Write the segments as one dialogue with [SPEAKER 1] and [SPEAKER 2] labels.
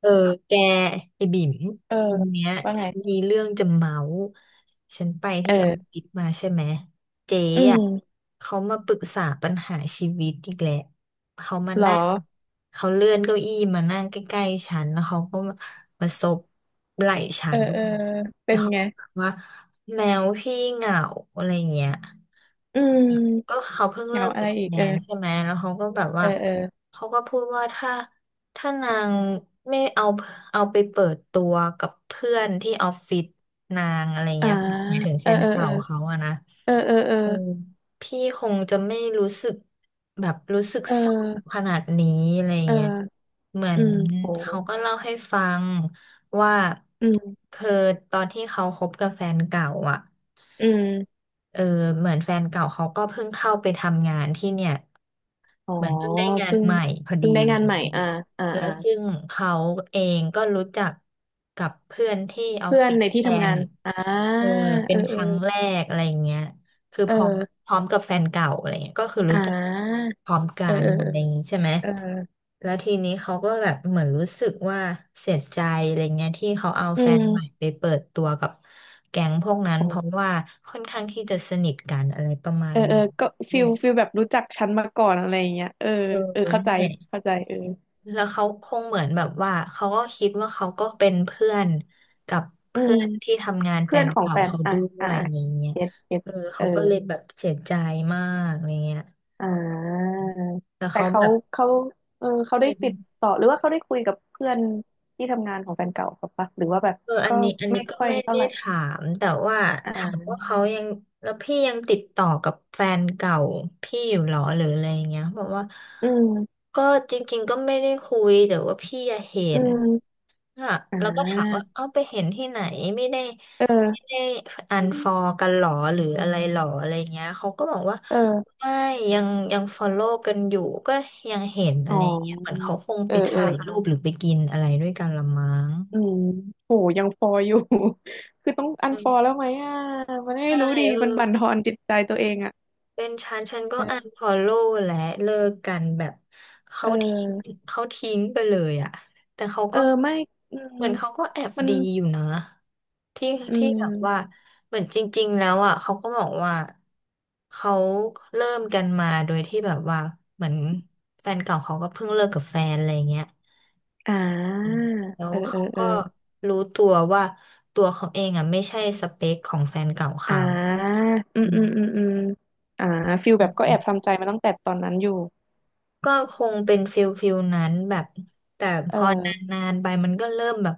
[SPEAKER 1] เออแกไอ้บิ่ม
[SPEAKER 2] เออ
[SPEAKER 1] วันเนี้ย
[SPEAKER 2] ว่าไง
[SPEAKER 1] ฉันมีเรื่องจะเมาส์ฉันไป
[SPEAKER 2] เอ
[SPEAKER 1] ที่ออฟ
[SPEAKER 2] อ
[SPEAKER 1] ฟิศมาใช่ไหมเจ๊
[SPEAKER 2] อื
[SPEAKER 1] อ่ะ
[SPEAKER 2] ม
[SPEAKER 1] เขามาปรึกษาปัญหาชีวิตอีกแหละเขามา
[SPEAKER 2] หรอ
[SPEAKER 1] นั่งเขาเลื่อนเก้าอี้มานั่งใกล้ๆฉันแล้วเขาก็มาซบไหล่ฉั
[SPEAKER 2] เออ
[SPEAKER 1] น
[SPEAKER 2] เออ
[SPEAKER 1] แล้
[SPEAKER 2] เป็
[SPEAKER 1] ว
[SPEAKER 2] น
[SPEAKER 1] เขา
[SPEAKER 2] ไง
[SPEAKER 1] ก็บอกว่าแมวพี่เหงาอะไรเงี้ย
[SPEAKER 2] อื
[SPEAKER 1] ก็
[SPEAKER 2] ม
[SPEAKER 1] เขาเพิ่ง
[SPEAKER 2] เห
[SPEAKER 1] เลิ
[SPEAKER 2] งา
[SPEAKER 1] ก
[SPEAKER 2] อะ
[SPEAKER 1] กั
[SPEAKER 2] ไร
[SPEAKER 1] บ
[SPEAKER 2] อีก
[SPEAKER 1] แน
[SPEAKER 2] เออ
[SPEAKER 1] นใช่ไหมแล้วเขาก็แบบ
[SPEAKER 2] เอ
[SPEAKER 1] ว่า
[SPEAKER 2] อเออ
[SPEAKER 1] เขาก็พูดว่าถ้านางไม่เอาเอาไปเปิดตัวกับเพื่อนที่ออฟฟิศนางอะไร
[SPEAKER 2] อ่า
[SPEAKER 1] เงี้ยหมายถึง
[SPEAKER 2] เอ
[SPEAKER 1] แฟ
[SPEAKER 2] อ
[SPEAKER 1] น
[SPEAKER 2] เออเอ
[SPEAKER 1] เก่า
[SPEAKER 2] อ
[SPEAKER 1] เขาอะนะ
[SPEAKER 2] เออเออเออ
[SPEAKER 1] อือพี่คงจะไม่รู้สึกแบบรู้สึก
[SPEAKER 2] เ
[SPEAKER 1] เศร้า
[SPEAKER 2] ออ
[SPEAKER 1] ขนาดนี้อะไร
[SPEAKER 2] เอ
[SPEAKER 1] เงี้ย
[SPEAKER 2] อ
[SPEAKER 1] เหมือ
[SPEAKER 2] อื
[SPEAKER 1] น
[SPEAKER 2] มโห
[SPEAKER 1] เขาก็เล่าให้ฟังว่า
[SPEAKER 2] อืม
[SPEAKER 1] คือตอนที่เขาคบกับแฟนเก่าอะ
[SPEAKER 2] อืม
[SPEAKER 1] เออเหมือนแฟนเก่าเขาก็เพิ่งเข้าไปทำงานที่เนี่ย
[SPEAKER 2] อ๋อ
[SPEAKER 1] เหมือนเพิ่งได้งาน
[SPEAKER 2] เพิ่ง
[SPEAKER 1] ใหม่พอดี
[SPEAKER 2] เพิ่งได้
[SPEAKER 1] อะ
[SPEAKER 2] งาน
[SPEAKER 1] ไร
[SPEAKER 2] ใหม่
[SPEAKER 1] เงี้ย
[SPEAKER 2] อ่าอ่า
[SPEAKER 1] แล้ว
[SPEAKER 2] อ่า
[SPEAKER 1] ซึ่งเขาเองก็รู้จักกับเพื่อนที่ออฟ
[SPEAKER 2] เพื่อ
[SPEAKER 1] ฟิ
[SPEAKER 2] น
[SPEAKER 1] ศ
[SPEAKER 2] ใน
[SPEAKER 1] แท
[SPEAKER 2] ที่ทำ
[SPEAKER 1] น
[SPEAKER 2] งาน
[SPEAKER 1] อะ
[SPEAKER 2] อ่า
[SPEAKER 1] เออเป็
[SPEAKER 2] เอ
[SPEAKER 1] น
[SPEAKER 2] อ
[SPEAKER 1] ค
[SPEAKER 2] เออ
[SPEAKER 1] รั้งแรกอะไรเงี้ยคือ
[SPEAKER 2] เอ
[SPEAKER 1] พร้อม
[SPEAKER 2] อ
[SPEAKER 1] พร้อมกับแฟนเก่าอะไรเงี้ยก็คือรู้
[SPEAKER 2] อ่า
[SPEAKER 1] จักพร้อมกั
[SPEAKER 2] เออ
[SPEAKER 1] น
[SPEAKER 2] เออ
[SPEAKER 1] อะไรอย่างงี้ใช่ไหม
[SPEAKER 2] เออ
[SPEAKER 1] แล้วทีนี้เขาก็แบบเหมือนรู้สึกว่าเสียใจอะไรเงี้ยที่เขาเอา
[SPEAKER 2] อื
[SPEAKER 1] แฟนใหม่
[SPEAKER 2] ม
[SPEAKER 1] ไปเปิดตัวกับแก๊งพวกนั้นเพ
[SPEAKER 2] โห
[SPEAKER 1] ราะว่าค่อนข้างที่จะสนิทกันอะไรประมา
[SPEAKER 2] เออ
[SPEAKER 1] ณ
[SPEAKER 2] เออก็ฟิ
[SPEAKER 1] นี้
[SPEAKER 2] ลฟิลแบบรู้จักฉันมาก่อนอะไรอย่างเงี้ยเออ
[SPEAKER 1] เออ
[SPEAKER 2] เออ เข้า
[SPEAKER 1] นั่
[SPEAKER 2] ใจ
[SPEAKER 1] นแหละ
[SPEAKER 2] เข้าใจเออ
[SPEAKER 1] แล้วเขาคงเหมือนแบบว่าเขาก็คิดว่าเขาก็เป็นเพื่อนกับ
[SPEAKER 2] อื
[SPEAKER 1] เพื่
[SPEAKER 2] ม
[SPEAKER 1] อนที่ทำงานแฟ
[SPEAKER 2] เพื่อน
[SPEAKER 1] น
[SPEAKER 2] ของ
[SPEAKER 1] เก่า
[SPEAKER 2] แฟน
[SPEAKER 1] เขา
[SPEAKER 2] อ่ะ
[SPEAKER 1] ด้ว
[SPEAKER 2] อ่ะ
[SPEAKER 1] ย
[SPEAKER 2] อ่ะ
[SPEAKER 1] อะไรเงี้ย
[SPEAKER 2] เก็ตเก็ต
[SPEAKER 1] เออ
[SPEAKER 2] เอ
[SPEAKER 1] เขา
[SPEAKER 2] อ
[SPEAKER 1] ก็เลยแบบเสียใจมากอะไรเงี้ย
[SPEAKER 2] อ่า
[SPEAKER 1] แต่
[SPEAKER 2] แต่
[SPEAKER 1] เขา
[SPEAKER 2] เขา
[SPEAKER 1] แบบ
[SPEAKER 2] เขาเออเขาได้ติดต่อหรือว่าเขาได้คุยกับเพื่อนที่ทำงานของแฟนเก่าเขาปะหรือว่าแบบ
[SPEAKER 1] เอออั
[SPEAKER 2] ก็
[SPEAKER 1] นนี้อันนี้
[SPEAKER 2] ไม่
[SPEAKER 1] ก็
[SPEAKER 2] ค่อย
[SPEAKER 1] ไม่
[SPEAKER 2] เท่า
[SPEAKER 1] ได้
[SPEAKER 2] ไหร่
[SPEAKER 1] ถามแต่ว่าถาม
[SPEAKER 2] อ่า
[SPEAKER 1] ว่าเขายังแล้วพี่ยังติดต่อกับแฟนเก่าพี่อยู่หรอหรืออะไรอย่างเงี้ยเขาบอกว่า
[SPEAKER 2] อืม
[SPEAKER 1] ก็จริงๆก็ไม่ได้คุยแต่ว่าพี่อะเห็
[SPEAKER 2] อื
[SPEAKER 1] น
[SPEAKER 2] ม
[SPEAKER 1] อ่ะ
[SPEAKER 2] อ่
[SPEAKER 1] แล้วก็ถามว่า
[SPEAKER 2] า
[SPEAKER 1] เอาไปเห็นที่ไหนไม่ได้
[SPEAKER 2] เอ
[SPEAKER 1] ไม่
[SPEAKER 2] อ
[SPEAKER 1] ได้อันฟอลกันหรอหรืออะไรหรออะไรเงี้ยเขาก็บอกว่า
[SPEAKER 2] เออ
[SPEAKER 1] ไม่ยังยังฟอลโล่กันอยู่ก็ยังเห็น
[SPEAKER 2] อ๋
[SPEAKER 1] อะไรเงี้ยเหมือน
[SPEAKER 2] อ
[SPEAKER 1] เขาคง
[SPEAKER 2] เอ
[SPEAKER 1] ไป
[SPEAKER 2] อเออ
[SPEAKER 1] ถ่ายรูปหรือไปกินอะไรด้วยกันละมั้ง
[SPEAKER 2] อืมโหยังฟออยู่ คือต้องอันฟอแล้วไหมอ่ะมันไม่
[SPEAKER 1] ใช่
[SPEAKER 2] รู้ดี
[SPEAKER 1] เออ
[SPEAKER 2] มันบั่น
[SPEAKER 1] เป็
[SPEAKER 2] ท
[SPEAKER 1] น
[SPEAKER 2] อนจิตใจตัวเองอ่ะ
[SPEAKER 1] เป็นฉันก็อั
[SPEAKER 2] เอ
[SPEAKER 1] น
[SPEAKER 2] อ
[SPEAKER 1] ฟอลโล่และเลิกกันแบบ
[SPEAKER 2] เอ
[SPEAKER 1] เขาทิ้ง
[SPEAKER 2] อ
[SPEAKER 1] เขาทิ้งไปเลยอะแต่เขา
[SPEAKER 2] เออ
[SPEAKER 1] ก็
[SPEAKER 2] ไม่อืม
[SPEAKER 1] เหมือนเขาก็แอบ
[SPEAKER 2] มัน
[SPEAKER 1] ดีอยู่นะที่
[SPEAKER 2] อื
[SPEAKER 1] ที่แบบว่า
[SPEAKER 2] ม
[SPEAKER 1] เหมือนจริงๆแล้วอะเขาก็บอกว่าเขาเริ่มกันมาโดยที่แบบว่าเหมือนแฟนเก่าเขาก็เพิ่งเลิกกับแฟนอะไรเงี้ย
[SPEAKER 2] อ่
[SPEAKER 1] อืม
[SPEAKER 2] า
[SPEAKER 1] แล้ว
[SPEAKER 2] เออเอ
[SPEAKER 1] เขา
[SPEAKER 2] อเออ
[SPEAKER 1] ก็รู้ตัวว่าตัวเขาเองอ่ะไม่ใช่สเปคของแฟนเก่า
[SPEAKER 2] อ่
[SPEAKER 1] เขา
[SPEAKER 2] าอืมอืม
[SPEAKER 1] อื
[SPEAKER 2] อืมอืมอ่าฟิลแบบก็แอบ
[SPEAKER 1] ม
[SPEAKER 2] ทำใจมาตั้งแต่ตอนนั้นอยู่
[SPEAKER 1] ก็คงเป็นฟิลนั้นแบบแต่พ
[SPEAKER 2] เ
[SPEAKER 1] อน
[SPEAKER 2] ออ
[SPEAKER 1] านๆไปมันก็เริ่มแบบ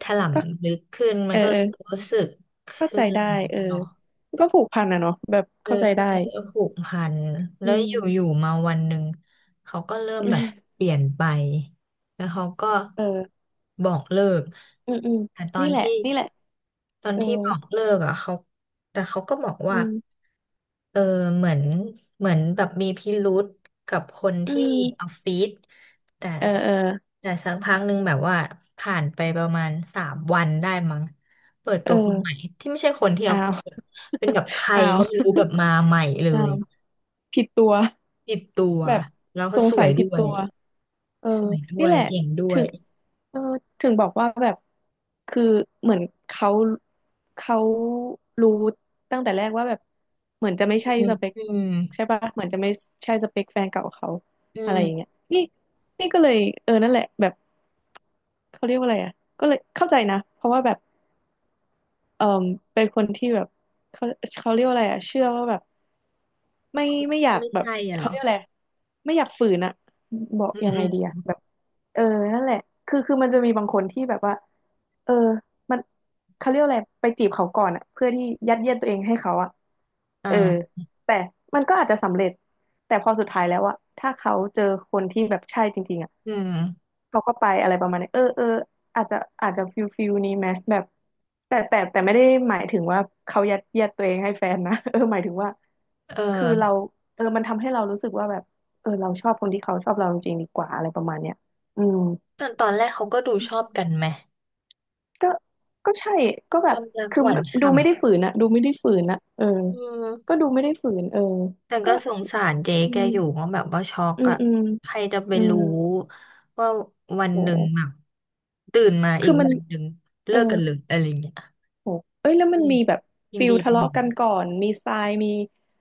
[SPEAKER 1] ถล
[SPEAKER 2] ก็
[SPEAKER 1] ำลึกขึ้น
[SPEAKER 2] เอ
[SPEAKER 1] มัน
[SPEAKER 2] อ
[SPEAKER 1] ก็
[SPEAKER 2] เออ
[SPEAKER 1] รู้สึกข
[SPEAKER 2] เข้า
[SPEAKER 1] ึ้
[SPEAKER 2] ใจได้
[SPEAKER 1] น
[SPEAKER 2] เออ
[SPEAKER 1] เนาะ
[SPEAKER 2] ก็ผูกพันอะเนาะแบบ
[SPEAKER 1] เออ
[SPEAKER 2] เข้าใจ
[SPEAKER 1] ใช่
[SPEAKER 2] ได้
[SPEAKER 1] ผูกพันแล้
[SPEAKER 2] อื
[SPEAKER 1] วอ
[SPEAKER 2] ม
[SPEAKER 1] ยู่ๆมาวันหนึ่งเขาก็เริ่มแบบเปลี่ยนไปแล้วเขาก็
[SPEAKER 2] เออ
[SPEAKER 1] บอกเลิก
[SPEAKER 2] อืมอืม
[SPEAKER 1] แต่ตอ
[SPEAKER 2] นี่
[SPEAKER 1] น
[SPEAKER 2] แหละ
[SPEAKER 1] ที่
[SPEAKER 2] นี่แหละ
[SPEAKER 1] ตอน
[SPEAKER 2] เออ
[SPEAKER 1] ที่บอกเลิกอ่ะเขาแต่เขาก็บอก
[SPEAKER 2] อื
[SPEAKER 1] ว่า
[SPEAKER 2] ม
[SPEAKER 1] เออเหมือนเหมือนแบบมีพิรุธกับคน
[SPEAKER 2] อื
[SPEAKER 1] ที่อ
[SPEAKER 2] ม
[SPEAKER 1] อฟฟิศแต่
[SPEAKER 2] เออเออ
[SPEAKER 1] แต่สักพักหนึ่งแบบว่าผ่านไปประมาณ3 วันได้มั้ง เปิด
[SPEAKER 2] เอ
[SPEAKER 1] ตัวคนใหม่
[SPEAKER 2] อ
[SPEAKER 1] ที่ไม่ใช่คนที่ออ
[SPEAKER 2] อ้า
[SPEAKER 1] ฟฟิ
[SPEAKER 2] ว
[SPEAKER 1] ศเป็นแบบใคร
[SPEAKER 2] อ้าว
[SPEAKER 1] ก็ไม่รู้แบบมาใหม่เล
[SPEAKER 2] อ้า
[SPEAKER 1] ย
[SPEAKER 2] วผิดตัว
[SPEAKER 1] ติดตัว
[SPEAKER 2] แบบ
[SPEAKER 1] แล้วก็
[SPEAKER 2] สง
[SPEAKER 1] ส
[SPEAKER 2] สั
[SPEAKER 1] วย
[SPEAKER 2] ยผิ
[SPEAKER 1] ด้
[SPEAKER 2] ด
[SPEAKER 1] ว
[SPEAKER 2] ตั
[SPEAKER 1] ย
[SPEAKER 2] ว เออ
[SPEAKER 1] สวยด้
[SPEAKER 2] นี่
[SPEAKER 1] วย
[SPEAKER 2] แหละ
[SPEAKER 1] เก่งด้ว
[SPEAKER 2] ถึ
[SPEAKER 1] ย
[SPEAKER 2] งเออถึงบอกว่าแบบคือเหมือนเขาเขารู้ตั้งแต่แรกว่าแบบเหมือนจะไม่ใช่
[SPEAKER 1] อืม
[SPEAKER 2] สเปค
[SPEAKER 1] อืม
[SPEAKER 2] ใช่ปะเหมือนจะไม่ใช่สเปคแฟนเก่าเขา
[SPEAKER 1] อื
[SPEAKER 2] อะไร
[SPEAKER 1] ม
[SPEAKER 2] อย่างเงี้ยนี่นี่ก็เลยเออนั่นแหละแบบเขาเรียกว่าอะไรอ่ะก็เลยเข้าใจนะเพราะว่าแบบ เอ่อเป็นคนที่แบบเขาเขาเรียกว่าอะไรอะเชื่อว่าแบบไม่ไม่อยาก
[SPEAKER 1] ไม่
[SPEAKER 2] แบบ
[SPEAKER 1] ใช่อะเหร
[SPEAKER 2] เขา
[SPEAKER 1] อ
[SPEAKER 2] เรียกอะไรไม่อยากฝืนอะบอก
[SPEAKER 1] อืม
[SPEAKER 2] ยัง
[SPEAKER 1] อื
[SPEAKER 2] ไงดี
[SPEAKER 1] ม
[SPEAKER 2] อะแบบเออนั่นแหละคือมันจะมีบางคนที่แบบว่าเออมันเขาเรียกว่าอะไรไปจีบเขาก่อนอะเพื่อที่ยัดเยียดตัวเองให้เขาอะ
[SPEAKER 1] อ่
[SPEAKER 2] เออ
[SPEAKER 1] า
[SPEAKER 2] แต่มันก็อาจจะสำเร็จแต่พอสุดท้ายแล้วอะถ้าเขาเจอคนที่แบบใช่จริงๆอะ
[SPEAKER 1] อืม
[SPEAKER 2] เขาก็ไปอะไรประมาณนี้เออเอออาจจะอาจจะฟิลนี้ไหมแบบแต่ไม่ได้หมายถึงว่าเขายัดเยียดตัวเองให้แฟนนะ เออหมายถึงว่า
[SPEAKER 1] เออ
[SPEAKER 2] คือเราเออมันทำให้เรารู้สึกว่าแบบเออเราชอบคนที่เขาชอบเราจริงๆดีกว่าอะไรประมาณเนี้ยอืม
[SPEAKER 1] ตอนแรกเขาก็ดูชอบกันไหม
[SPEAKER 2] ก็ก็ใช่ก็
[SPEAKER 1] ค
[SPEAKER 2] แบ
[SPEAKER 1] วา
[SPEAKER 2] บ
[SPEAKER 1] มรัก
[SPEAKER 2] คือ
[SPEAKER 1] หวาน
[SPEAKER 2] ดู
[SPEAKER 1] ฉ่
[SPEAKER 2] ไม่ได้ฝืนอะดูไม่ได้ฝืนอะเออ
[SPEAKER 1] ำอืม
[SPEAKER 2] ก็ดูไม่ได้ฝืนเออ
[SPEAKER 1] แต่
[SPEAKER 2] ก็
[SPEAKER 1] ก็สงสารเจ๊
[SPEAKER 2] อื
[SPEAKER 1] แก
[SPEAKER 2] ม
[SPEAKER 1] อยู่ว่าแบบว่าช็อก
[SPEAKER 2] อืม
[SPEAKER 1] อะ
[SPEAKER 2] อืม
[SPEAKER 1] ใครจะไป
[SPEAKER 2] อืม
[SPEAKER 1] รู้ว่าวันหนึ่ง
[SPEAKER 2] โห
[SPEAKER 1] แบบตื่นมาอี
[SPEAKER 2] คือ
[SPEAKER 1] ก
[SPEAKER 2] มัน
[SPEAKER 1] วันหนึ่ง
[SPEAKER 2] เอ
[SPEAKER 1] เลิ
[SPEAKER 2] อ
[SPEAKER 1] กกันเลยอะไรเงี้ย
[SPEAKER 2] โหเอ้ยแล้วมั
[SPEAKER 1] อื
[SPEAKER 2] น
[SPEAKER 1] ม
[SPEAKER 2] มีแบบ
[SPEAKER 1] ยิน
[SPEAKER 2] ฟิล
[SPEAKER 1] ดี
[SPEAKER 2] ทะ
[SPEAKER 1] ยินดี
[SPEAKER 2] เลาะกันก่อนมีทรายมี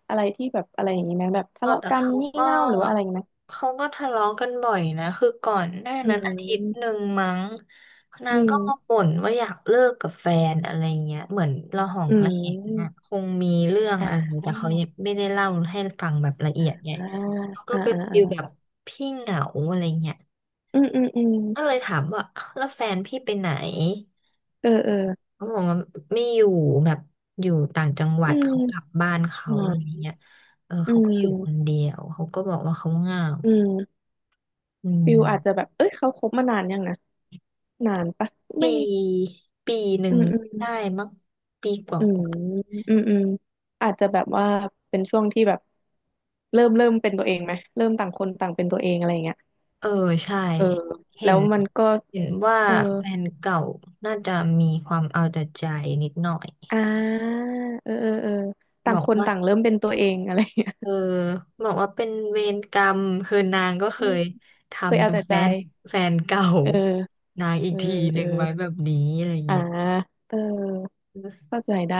[SPEAKER 2] อะไรที่แบบอะไรอย่างนี้ไหมแบบ
[SPEAKER 1] เอ
[SPEAKER 2] ทะ
[SPEAKER 1] อ
[SPEAKER 2] เลาะ
[SPEAKER 1] แต่
[SPEAKER 2] กัน
[SPEAKER 1] เขา
[SPEAKER 2] งี่
[SPEAKER 1] ก็
[SPEAKER 2] เง่าหรือว่าอะไรอย่างนี้ไหม
[SPEAKER 1] เขาก็ทะเลาะกันบ่อยนะคือก่อนหน้า
[SPEAKER 2] อื
[SPEAKER 1] นั้นอาทิตย์หนึ่
[SPEAKER 2] ม
[SPEAKER 1] งมั้งนา
[SPEAKER 2] อื
[SPEAKER 1] งก็มา
[SPEAKER 2] ม
[SPEAKER 1] บ่นว่าอยากเลิกกับแฟนอะไรเงี้ยเหมือนระหอง
[SPEAKER 2] อื
[SPEAKER 1] ระแหงอะ
[SPEAKER 2] ม
[SPEAKER 1] คงมีเรื่องอะ
[SPEAKER 2] อ่า
[SPEAKER 1] ไรแต่เขายังไม่ได้เล่าให้ฟังแบบละเอียดไง
[SPEAKER 2] อ่า
[SPEAKER 1] เขาก็
[SPEAKER 2] อ่า
[SPEAKER 1] เป็น
[SPEAKER 2] อ่า
[SPEAKER 1] ฟีลแบ
[SPEAKER 2] อ่า
[SPEAKER 1] บพี่เหงาอะไรเงี้ย
[SPEAKER 2] อืมอืมอืม
[SPEAKER 1] ก็เลยถามว่าอ้าวแล้วแฟนพี่ไปไหน
[SPEAKER 2] เออเออ
[SPEAKER 1] เขาบอกว่าไม่อยู่แบบอยู่ต่างจังหวั
[SPEAKER 2] อื
[SPEAKER 1] ดเขากลั
[SPEAKER 2] ม
[SPEAKER 1] บบ้านเขา
[SPEAKER 2] อ่
[SPEAKER 1] อะไร
[SPEAKER 2] า
[SPEAKER 1] เงี้ยเออ
[SPEAKER 2] อื
[SPEAKER 1] เขาก็อยู่คน
[SPEAKER 2] ม
[SPEAKER 1] เดียวเขาก็บอกว่าเขาเหงา
[SPEAKER 2] อืม
[SPEAKER 1] อื
[SPEAKER 2] ฟิลอาจจะแบ
[SPEAKER 1] ม
[SPEAKER 2] บเอ้ยเขาคบมานานยังนะนานปะ
[SPEAKER 1] ปี
[SPEAKER 2] ไม่
[SPEAKER 1] ปีหนึ่
[SPEAKER 2] อื
[SPEAKER 1] ง
[SPEAKER 2] มอืม
[SPEAKER 1] ได้มั้งปีกว่า
[SPEAKER 2] อื
[SPEAKER 1] ก
[SPEAKER 2] ม
[SPEAKER 1] ว่า
[SPEAKER 2] อืมอืมอาจจะแบบว่าเป็นช่วงที่แบบเริ่มเป็นตัวเองไหมเริ่มต่างคนต่างเป็นตัวเองอะไรอย่างเงี้ย
[SPEAKER 1] เออใช่
[SPEAKER 2] เออ
[SPEAKER 1] เห็
[SPEAKER 2] แล้
[SPEAKER 1] น
[SPEAKER 2] วมันก็
[SPEAKER 1] เห็นว่า
[SPEAKER 2] เออ
[SPEAKER 1] แฟนเก่าน่าจะมีความเอาแต่ใจนิดหน่อย
[SPEAKER 2] อ่าเออเออเออ
[SPEAKER 1] บ
[SPEAKER 2] ต่าง
[SPEAKER 1] อ
[SPEAKER 2] ค
[SPEAKER 1] ก
[SPEAKER 2] น
[SPEAKER 1] ว่า
[SPEAKER 2] ต่างเริ่มเป็นตัวเอง อะไรอย่างเงี้ย
[SPEAKER 1] เออบอกว่าเป็นเวรกรรม คือนางก็เค
[SPEAKER 2] อืม
[SPEAKER 1] ยท
[SPEAKER 2] เคย
[SPEAKER 1] ำ
[SPEAKER 2] เอา
[SPEAKER 1] กับ
[SPEAKER 2] แต่
[SPEAKER 1] แฟ
[SPEAKER 2] ใจ
[SPEAKER 1] นแฟนเก่า
[SPEAKER 2] เออ
[SPEAKER 1] นางอี
[SPEAKER 2] เอ
[SPEAKER 1] ก
[SPEAKER 2] อ
[SPEAKER 1] ทีห
[SPEAKER 2] เอ
[SPEAKER 1] นึ่
[SPEAKER 2] อ
[SPEAKER 1] งไว้แบบนี้อะไร
[SPEAKER 2] อ่า
[SPEAKER 1] เงี้ย
[SPEAKER 2] เออ
[SPEAKER 1] เออ
[SPEAKER 2] เข้าใจได้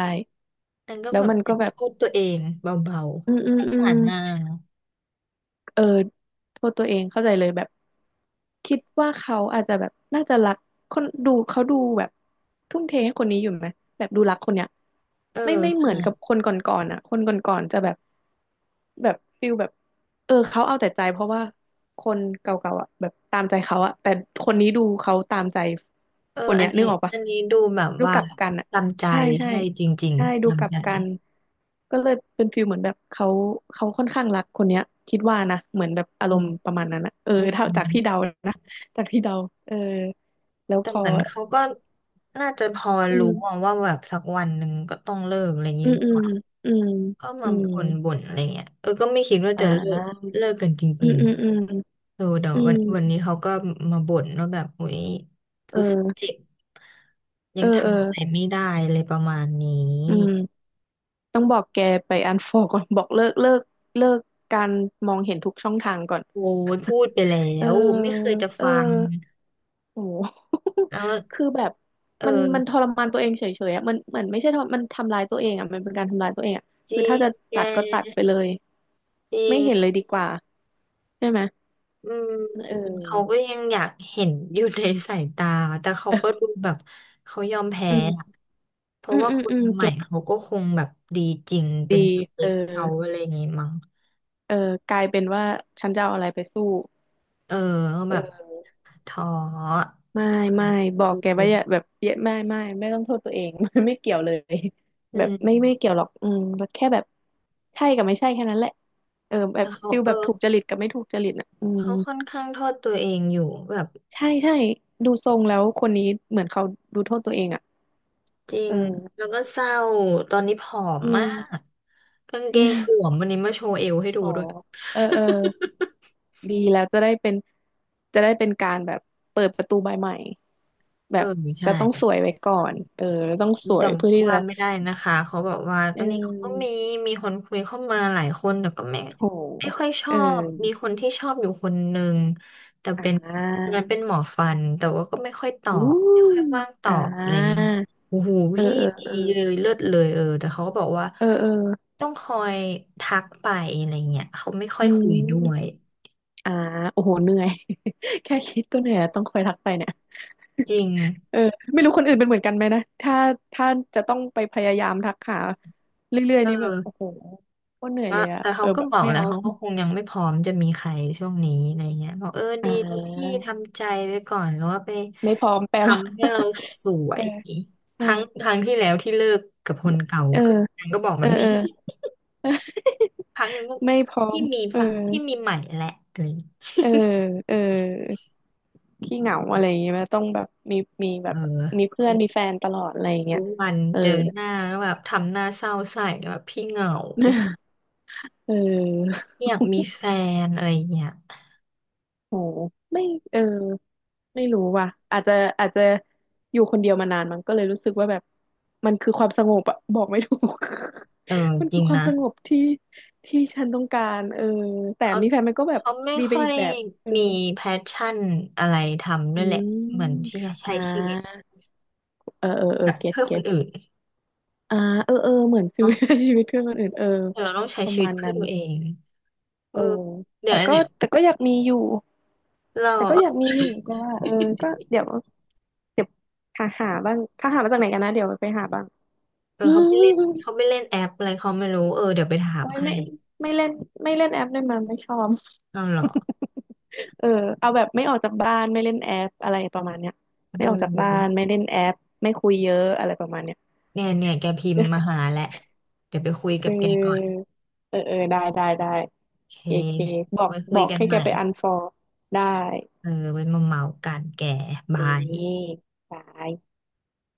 [SPEAKER 1] นางก็
[SPEAKER 2] แล้ว
[SPEAKER 1] แบบ
[SPEAKER 2] มัน
[SPEAKER 1] แอ
[SPEAKER 2] ก็
[SPEAKER 1] บ
[SPEAKER 2] แบบ
[SPEAKER 1] โทษตัวเองเบา
[SPEAKER 2] อืมอื
[SPEAKER 1] ๆส
[SPEAKER 2] ม
[SPEAKER 1] ง
[SPEAKER 2] อื
[SPEAKER 1] สา
[SPEAKER 2] ม
[SPEAKER 1] รนาง
[SPEAKER 2] เออโทษตัวเองเข้าใจเลยแบบคิดว่าเขาอาจจะแบบน่าจะรักคนดูเขาดูแบบทุ่มเทให้คนนี้อยู่ไหมแบบดูรักคนเนี้ย
[SPEAKER 1] เออ
[SPEAKER 2] ไม่เหมื
[SPEAKER 1] ใช่
[SPEAKER 2] อนกับคนก่อนๆอ่ะคนก่อนๆจะแบบแบบฟิลแบบเออเขาเอาแต่ใจเพราะว่าคนเก่าๆอ่ะแบบตามใจเขาอ่ะแต่คนนี้ดูเขาตามใจ
[SPEAKER 1] เออ
[SPEAKER 2] คน
[SPEAKER 1] อั
[SPEAKER 2] เนี้
[SPEAKER 1] น
[SPEAKER 2] ยนึ
[SPEAKER 1] นี้
[SPEAKER 2] กออกปะ
[SPEAKER 1] อันนี้ดูแบบ
[SPEAKER 2] ดู
[SPEAKER 1] ว่า
[SPEAKER 2] กลับกันอ่ะ
[SPEAKER 1] จำใจ
[SPEAKER 2] ใช่ใช่
[SPEAKER 1] ใช่จริง
[SPEAKER 2] ใช่
[SPEAKER 1] ๆ
[SPEAKER 2] ดูกลั
[SPEAKER 1] จำ
[SPEAKER 2] บ
[SPEAKER 1] ใจ
[SPEAKER 2] กันก็เลยเป็นฟิลเหมือนแบบเขาค่อนข้างรักคนเนี้ยคิดว่านะเหมือนแบบอา
[SPEAKER 1] อื
[SPEAKER 2] รม
[SPEAKER 1] ม
[SPEAKER 2] ณ์ประมาณนั้นนะเออถ้า
[SPEAKER 1] อื
[SPEAKER 2] จากที่เดา
[SPEAKER 1] ม
[SPEAKER 2] นะจากที่เดาเออแล้ว
[SPEAKER 1] แต่
[SPEAKER 2] พอ
[SPEAKER 1] เหมือนเขาก็น่าจะพอ
[SPEAKER 2] อื
[SPEAKER 1] รู้อะ
[SPEAKER 2] ม
[SPEAKER 1] ว่าแบบสักวันหนึ่งก็ต้องเลิกอะไรอย่างนี้
[SPEAKER 2] อื
[SPEAKER 1] ห
[SPEAKER 2] ม
[SPEAKER 1] รือเป
[SPEAKER 2] อืม
[SPEAKER 1] ล่า
[SPEAKER 2] อืม
[SPEAKER 1] ก็
[SPEAKER 2] อื
[SPEAKER 1] มา
[SPEAKER 2] ม
[SPEAKER 1] บ่นอะไรเงี้ยเออ ก็ไม่คิดว่า
[SPEAKER 2] อ่
[SPEAKER 1] จะเลิก
[SPEAKER 2] า
[SPEAKER 1] เลิกกันจ
[SPEAKER 2] อื
[SPEAKER 1] ริ
[SPEAKER 2] ม
[SPEAKER 1] ง
[SPEAKER 2] อืมอืม
[SPEAKER 1] ๆเออแต่
[SPEAKER 2] อื
[SPEAKER 1] วั
[SPEAKER 2] ม
[SPEAKER 1] นวันนี้เขาก็มาบ่นว่าแบบอุ๊ย
[SPEAKER 2] เอ
[SPEAKER 1] รู้สึก
[SPEAKER 2] อ
[SPEAKER 1] เจ็บยั
[SPEAKER 2] เอ
[SPEAKER 1] ง
[SPEAKER 2] อเออ
[SPEAKER 1] ทำอะไรไม่ได้อะไรประมาณนี้
[SPEAKER 2] อืมต้องบอกแกไปอันฟอก่อน บอกเลิกเลิกเลิกการมองเห็นทุกช่องทางก่อน
[SPEAKER 1] โอ้ยพูดไปแล้
[SPEAKER 2] เออ
[SPEAKER 1] วไม่เคยจะ
[SPEAKER 2] เออ
[SPEAKER 1] ฟัง
[SPEAKER 2] โอ้โห
[SPEAKER 1] แล้ว
[SPEAKER 2] คือแบบ
[SPEAKER 1] เอ
[SPEAKER 2] มันท
[SPEAKER 1] อ
[SPEAKER 2] รมานตัวเองเฉยๆอ่ะมันเหมือนไม่ใช่ทรมันทำรายตัวเองอ่ะ มันเป็นการทำรายตัวเองอ่ะ
[SPEAKER 1] จริ
[SPEAKER 2] คือถ้า
[SPEAKER 1] ง
[SPEAKER 2] จะ
[SPEAKER 1] แก
[SPEAKER 2] ตัดก็ตัดไปเลย
[SPEAKER 1] จริ
[SPEAKER 2] ไม่
[SPEAKER 1] ง
[SPEAKER 2] เห็นเลยดีกว่าใช่ไหม
[SPEAKER 1] อืม
[SPEAKER 2] เ
[SPEAKER 1] เขา
[SPEAKER 2] ออ
[SPEAKER 1] ก็ยังอยากเห็นอยู่ในสายตาแต่เขาก็ดูแบบเขายอมแพ้
[SPEAKER 2] อื
[SPEAKER 1] อะ
[SPEAKER 2] ม
[SPEAKER 1] เพ
[SPEAKER 2] อื
[SPEAKER 1] ราะ
[SPEAKER 2] ม
[SPEAKER 1] ว่า
[SPEAKER 2] อื
[SPEAKER 1] ค
[SPEAKER 2] ม
[SPEAKER 1] น
[SPEAKER 2] อืม
[SPEAKER 1] ใหม่
[SPEAKER 2] เก็ต
[SPEAKER 1] เขาก็คงแบบดีจริงเป็
[SPEAKER 2] ดี
[SPEAKER 1] นสเป
[SPEAKER 2] เออ
[SPEAKER 1] คเขาอะไรอย่างงี้มั้ง
[SPEAKER 2] เออกลายเป็นว่าฉันจะเอาอะไรไปสู้
[SPEAKER 1] เออก็แบบ
[SPEAKER 2] เออ
[SPEAKER 1] ท้อ
[SPEAKER 2] ไม่ไม่บอก
[SPEAKER 1] ดู
[SPEAKER 2] แกว่าอย่าแบบเยอะไม่ต้องโทษตัวเอง มันไม่เกี่ยวเลย
[SPEAKER 1] อื
[SPEAKER 2] แบบไม่
[SPEAKER 1] ม
[SPEAKER 2] ไม่เกี่ยวหรอกอืมแค่แบบใช่กับไม่ใช่แค่นั้นแหละเออแบ
[SPEAKER 1] แล้
[SPEAKER 2] บ
[SPEAKER 1] วเขา
[SPEAKER 2] ฟิล
[SPEAKER 1] เอ
[SPEAKER 2] แบ
[SPEAKER 1] อ
[SPEAKER 2] บถูกจริตกับไม่ถูกจริตอ่ะอืม
[SPEAKER 1] เขาค่อนข้างโทษตัวเองอยู่แบบ
[SPEAKER 2] ใช่ใช่ดูทรงแล้วคนนี้เหมือนเขาดูโทษตัวเองอ่ะ
[SPEAKER 1] จริ
[SPEAKER 2] เอ
[SPEAKER 1] ง
[SPEAKER 2] อ
[SPEAKER 1] แล้วก็เศร้าตอนนี้ผอม
[SPEAKER 2] อื
[SPEAKER 1] มาก
[SPEAKER 2] ม
[SPEAKER 1] กางเกงหล วมวันนี้มาโชว์เอวให้ดู
[SPEAKER 2] อ๋อ
[SPEAKER 1] ด้วย
[SPEAKER 2] เออเออดีแล้วจะได้เป็นการแบบเปิดประตูใบใหม่ แบ
[SPEAKER 1] เออ
[SPEAKER 2] บแต่
[SPEAKER 1] ใช่
[SPEAKER 2] ต้องสวยไว้ก่อนเออต้องสว
[SPEAKER 1] แต่
[SPEAKER 2] ยเพื่อที่
[SPEAKER 1] ว่า
[SPEAKER 2] จะ
[SPEAKER 1] ไม่ได้นะคะเขาบอกว่าต
[SPEAKER 2] เอ
[SPEAKER 1] อนนี้เขาก็มี
[SPEAKER 2] อ
[SPEAKER 1] มีคนคุยเข้ามาหลายคนแต่ก็ไม่
[SPEAKER 2] โห
[SPEAKER 1] ไม่ค่อยชอ
[SPEAKER 2] เอ
[SPEAKER 1] บมี
[SPEAKER 2] อ
[SPEAKER 1] คนที่ชอบอยู่คนหนึ่งแต่
[SPEAKER 2] อ่
[SPEAKER 1] เป็นคน
[SPEAKER 2] า
[SPEAKER 1] นั้นเป็นหมอฟันแต่ว่าก็ไม่ค่อยตอ
[SPEAKER 2] อู้
[SPEAKER 1] บไม่ค่อยว่างต
[SPEAKER 2] อ่
[SPEAKER 1] อบอะไรเงี้ย
[SPEAKER 2] า
[SPEAKER 1] โอ้โห
[SPEAKER 2] เออ
[SPEAKER 1] พี่
[SPEAKER 2] เออ
[SPEAKER 1] ดี
[SPEAKER 2] เออ
[SPEAKER 1] เลยเลิศเลยเออแต่เขาก็บอกว่า
[SPEAKER 2] เออเออ
[SPEAKER 1] ต้องคอยทักไปอะไรเงี้ยเขาไม่ค่อ
[SPEAKER 2] อื
[SPEAKER 1] ยคุยด้วย
[SPEAKER 2] มอ่าโอ้โหเหนื่อย แค่คิดก็เหนื่อยต้องคอยทักไปเนี่ย
[SPEAKER 1] จริง
[SPEAKER 2] เออไม่รู้คนอื่นเป็นเหมือนกันไหมนะถ้าจะต้องไปพยายามทักหาเรื่อย
[SPEAKER 1] เอ
[SPEAKER 2] ๆนี่แบบโอ้
[SPEAKER 1] อ
[SPEAKER 2] โหโคตรเหนื่อย
[SPEAKER 1] แล้ว
[SPEAKER 2] เลยอะ
[SPEAKER 1] แต่
[SPEAKER 2] เอ
[SPEAKER 1] เขา
[SPEAKER 2] อ
[SPEAKER 1] ก็
[SPEAKER 2] แบบ
[SPEAKER 1] บอก
[SPEAKER 2] ไม่
[SPEAKER 1] แล้ว
[SPEAKER 2] เอา
[SPEAKER 1] เขาก็คงยังไม่พร้อมจะมีใครช่วงนี้อะไรเงี้ยบอกเออ
[SPEAKER 2] อ่
[SPEAKER 1] ดีแล้วที่
[SPEAKER 2] า
[SPEAKER 1] ทำใจไว้ก่อนแล้วว่าไป
[SPEAKER 2] ไม่พร้อมแปลว่า
[SPEAKER 1] ทำให้เรา สว
[SPEAKER 2] เอ
[SPEAKER 1] ย
[SPEAKER 2] อ
[SPEAKER 1] ค
[SPEAKER 2] ใช่
[SPEAKER 1] รั้งครั้งที่แล้วที่เลิกกับคนเก่า
[SPEAKER 2] เออ
[SPEAKER 1] ก็นางก็บอกแบ
[SPEAKER 2] เออ
[SPEAKER 1] บ
[SPEAKER 2] เอ
[SPEAKER 1] นี้
[SPEAKER 2] อ
[SPEAKER 1] ครั้งนี้
[SPEAKER 2] ไม่พร้อ
[SPEAKER 1] ที่
[SPEAKER 2] ม
[SPEAKER 1] มี
[SPEAKER 2] เออ
[SPEAKER 1] ฝ่ะที่มีใหม่แหละอะไรอย่างเงี้ย
[SPEAKER 2] เออเออ ขี้เหงาอะไรอย่างเงี้ยไหมต้องแบบมีแบ
[SPEAKER 1] เ
[SPEAKER 2] บมี
[SPEAKER 1] ออ
[SPEAKER 2] เพื่อนมีแฟนตลอดอะไรอย่างเงี้
[SPEAKER 1] ทุ
[SPEAKER 2] ย
[SPEAKER 1] กวัน
[SPEAKER 2] เออ
[SPEAKER 1] เจอหน้าก็แบบทำหน้าเศร้าใส่แบบพี่เหงา
[SPEAKER 2] เออ
[SPEAKER 1] ไม่อยากมีแฟนอะไรเงี้ย
[SPEAKER 2] โหไม่เออไม่รู้ว่ะอาจจะอาจจะอยู่คนเดียวมานานมันก็เลยรู้สึกว่าแบบมันคือความสงบอะบอกไม่ถูก
[SPEAKER 1] เออ
[SPEAKER 2] มัน
[SPEAKER 1] จ
[SPEAKER 2] คื
[SPEAKER 1] ริ
[SPEAKER 2] อ
[SPEAKER 1] ง
[SPEAKER 2] ความ
[SPEAKER 1] นะ
[SPEAKER 2] สงบที่ฉันต้องการเออแต่
[SPEAKER 1] เขา
[SPEAKER 2] มีแฟนมันก็แบบ
[SPEAKER 1] เขาไม่
[SPEAKER 2] ดีไป
[SPEAKER 1] ค่อ
[SPEAKER 2] อีก
[SPEAKER 1] ย
[SPEAKER 2] แบบ เออ
[SPEAKER 1] มีแพชชั่นอะไรทำด้วย
[SPEAKER 2] อื
[SPEAKER 1] แหละเหมือน
[SPEAKER 2] ม
[SPEAKER 1] ที่จะ
[SPEAKER 2] อ่
[SPEAKER 1] ใช้ชีวิต
[SPEAKER 2] าเออเออเอ
[SPEAKER 1] แบ
[SPEAKER 2] อ
[SPEAKER 1] บ
[SPEAKER 2] เก็ต
[SPEAKER 1] เพื่อค
[SPEAKER 2] เก็
[SPEAKER 1] น
[SPEAKER 2] ต
[SPEAKER 1] อื่น
[SPEAKER 2] อ่าเออเออเหมือน ชี
[SPEAKER 1] เนาะ
[SPEAKER 2] วิตชีวิตเพื่อนคนอื่นเออ
[SPEAKER 1] แต่เราต้องใช้
[SPEAKER 2] ประ
[SPEAKER 1] ชีวิ
[SPEAKER 2] มา
[SPEAKER 1] ต
[SPEAKER 2] ณ
[SPEAKER 1] เพื่อ
[SPEAKER 2] นั้น
[SPEAKER 1] ตัวเองเอ
[SPEAKER 2] เอ
[SPEAKER 1] อ
[SPEAKER 2] อ
[SPEAKER 1] เดี๋ย
[SPEAKER 2] แต่
[SPEAKER 1] ว
[SPEAKER 2] ก็
[SPEAKER 1] เนี่ย
[SPEAKER 2] แต่ก็อยากมีอยู่
[SPEAKER 1] เรา
[SPEAKER 2] แต่ก็อยากมีอยู่ก็ว่าเออก็เดี๋ยวหาบ้างถ้าหามาจากไหนกันนะเดี๋ยวไปหาบ้าง
[SPEAKER 1] เอ อ
[SPEAKER 2] อื
[SPEAKER 1] เขาไปเล่น
[SPEAKER 2] ม
[SPEAKER 1] แอปอะไรเขาไม่รู้เออเดี๋ยวไปถาม
[SPEAKER 2] โอ้ย
[SPEAKER 1] ให้
[SPEAKER 2] ไม่ไม่เล่นไม่เล่นแอปด้วยมันไม่ชอบ
[SPEAKER 1] เอาเหรอ
[SPEAKER 2] เออเอาแบบไม่ออกจากบ้านไม่เล่นแอปอะไรประมาณเนี้ยไม่
[SPEAKER 1] เอ
[SPEAKER 2] ออกจากบ้าน
[SPEAKER 1] อ
[SPEAKER 2] ไม่เล่นแอปไม่คุยเยอะอะไรประมาณเนี้ย
[SPEAKER 1] เนี่ยแกพิมพ์มาหาแหละเดี๋ยวไปคุย
[SPEAKER 2] เ
[SPEAKER 1] กับแกก่อน
[SPEAKER 2] ออเออเออได้
[SPEAKER 1] โอเค
[SPEAKER 2] เอเคบอก
[SPEAKER 1] ไว้คุ
[SPEAKER 2] บ
[SPEAKER 1] ย
[SPEAKER 2] อก
[SPEAKER 1] กัน
[SPEAKER 2] ให้
[SPEAKER 1] ให
[SPEAKER 2] แก
[SPEAKER 1] ม่
[SPEAKER 2] ไปอันฟอร์ได้
[SPEAKER 1] เออไว้มาเมากันแก
[SPEAKER 2] เก
[SPEAKER 1] บาย
[SPEAKER 2] เคบาย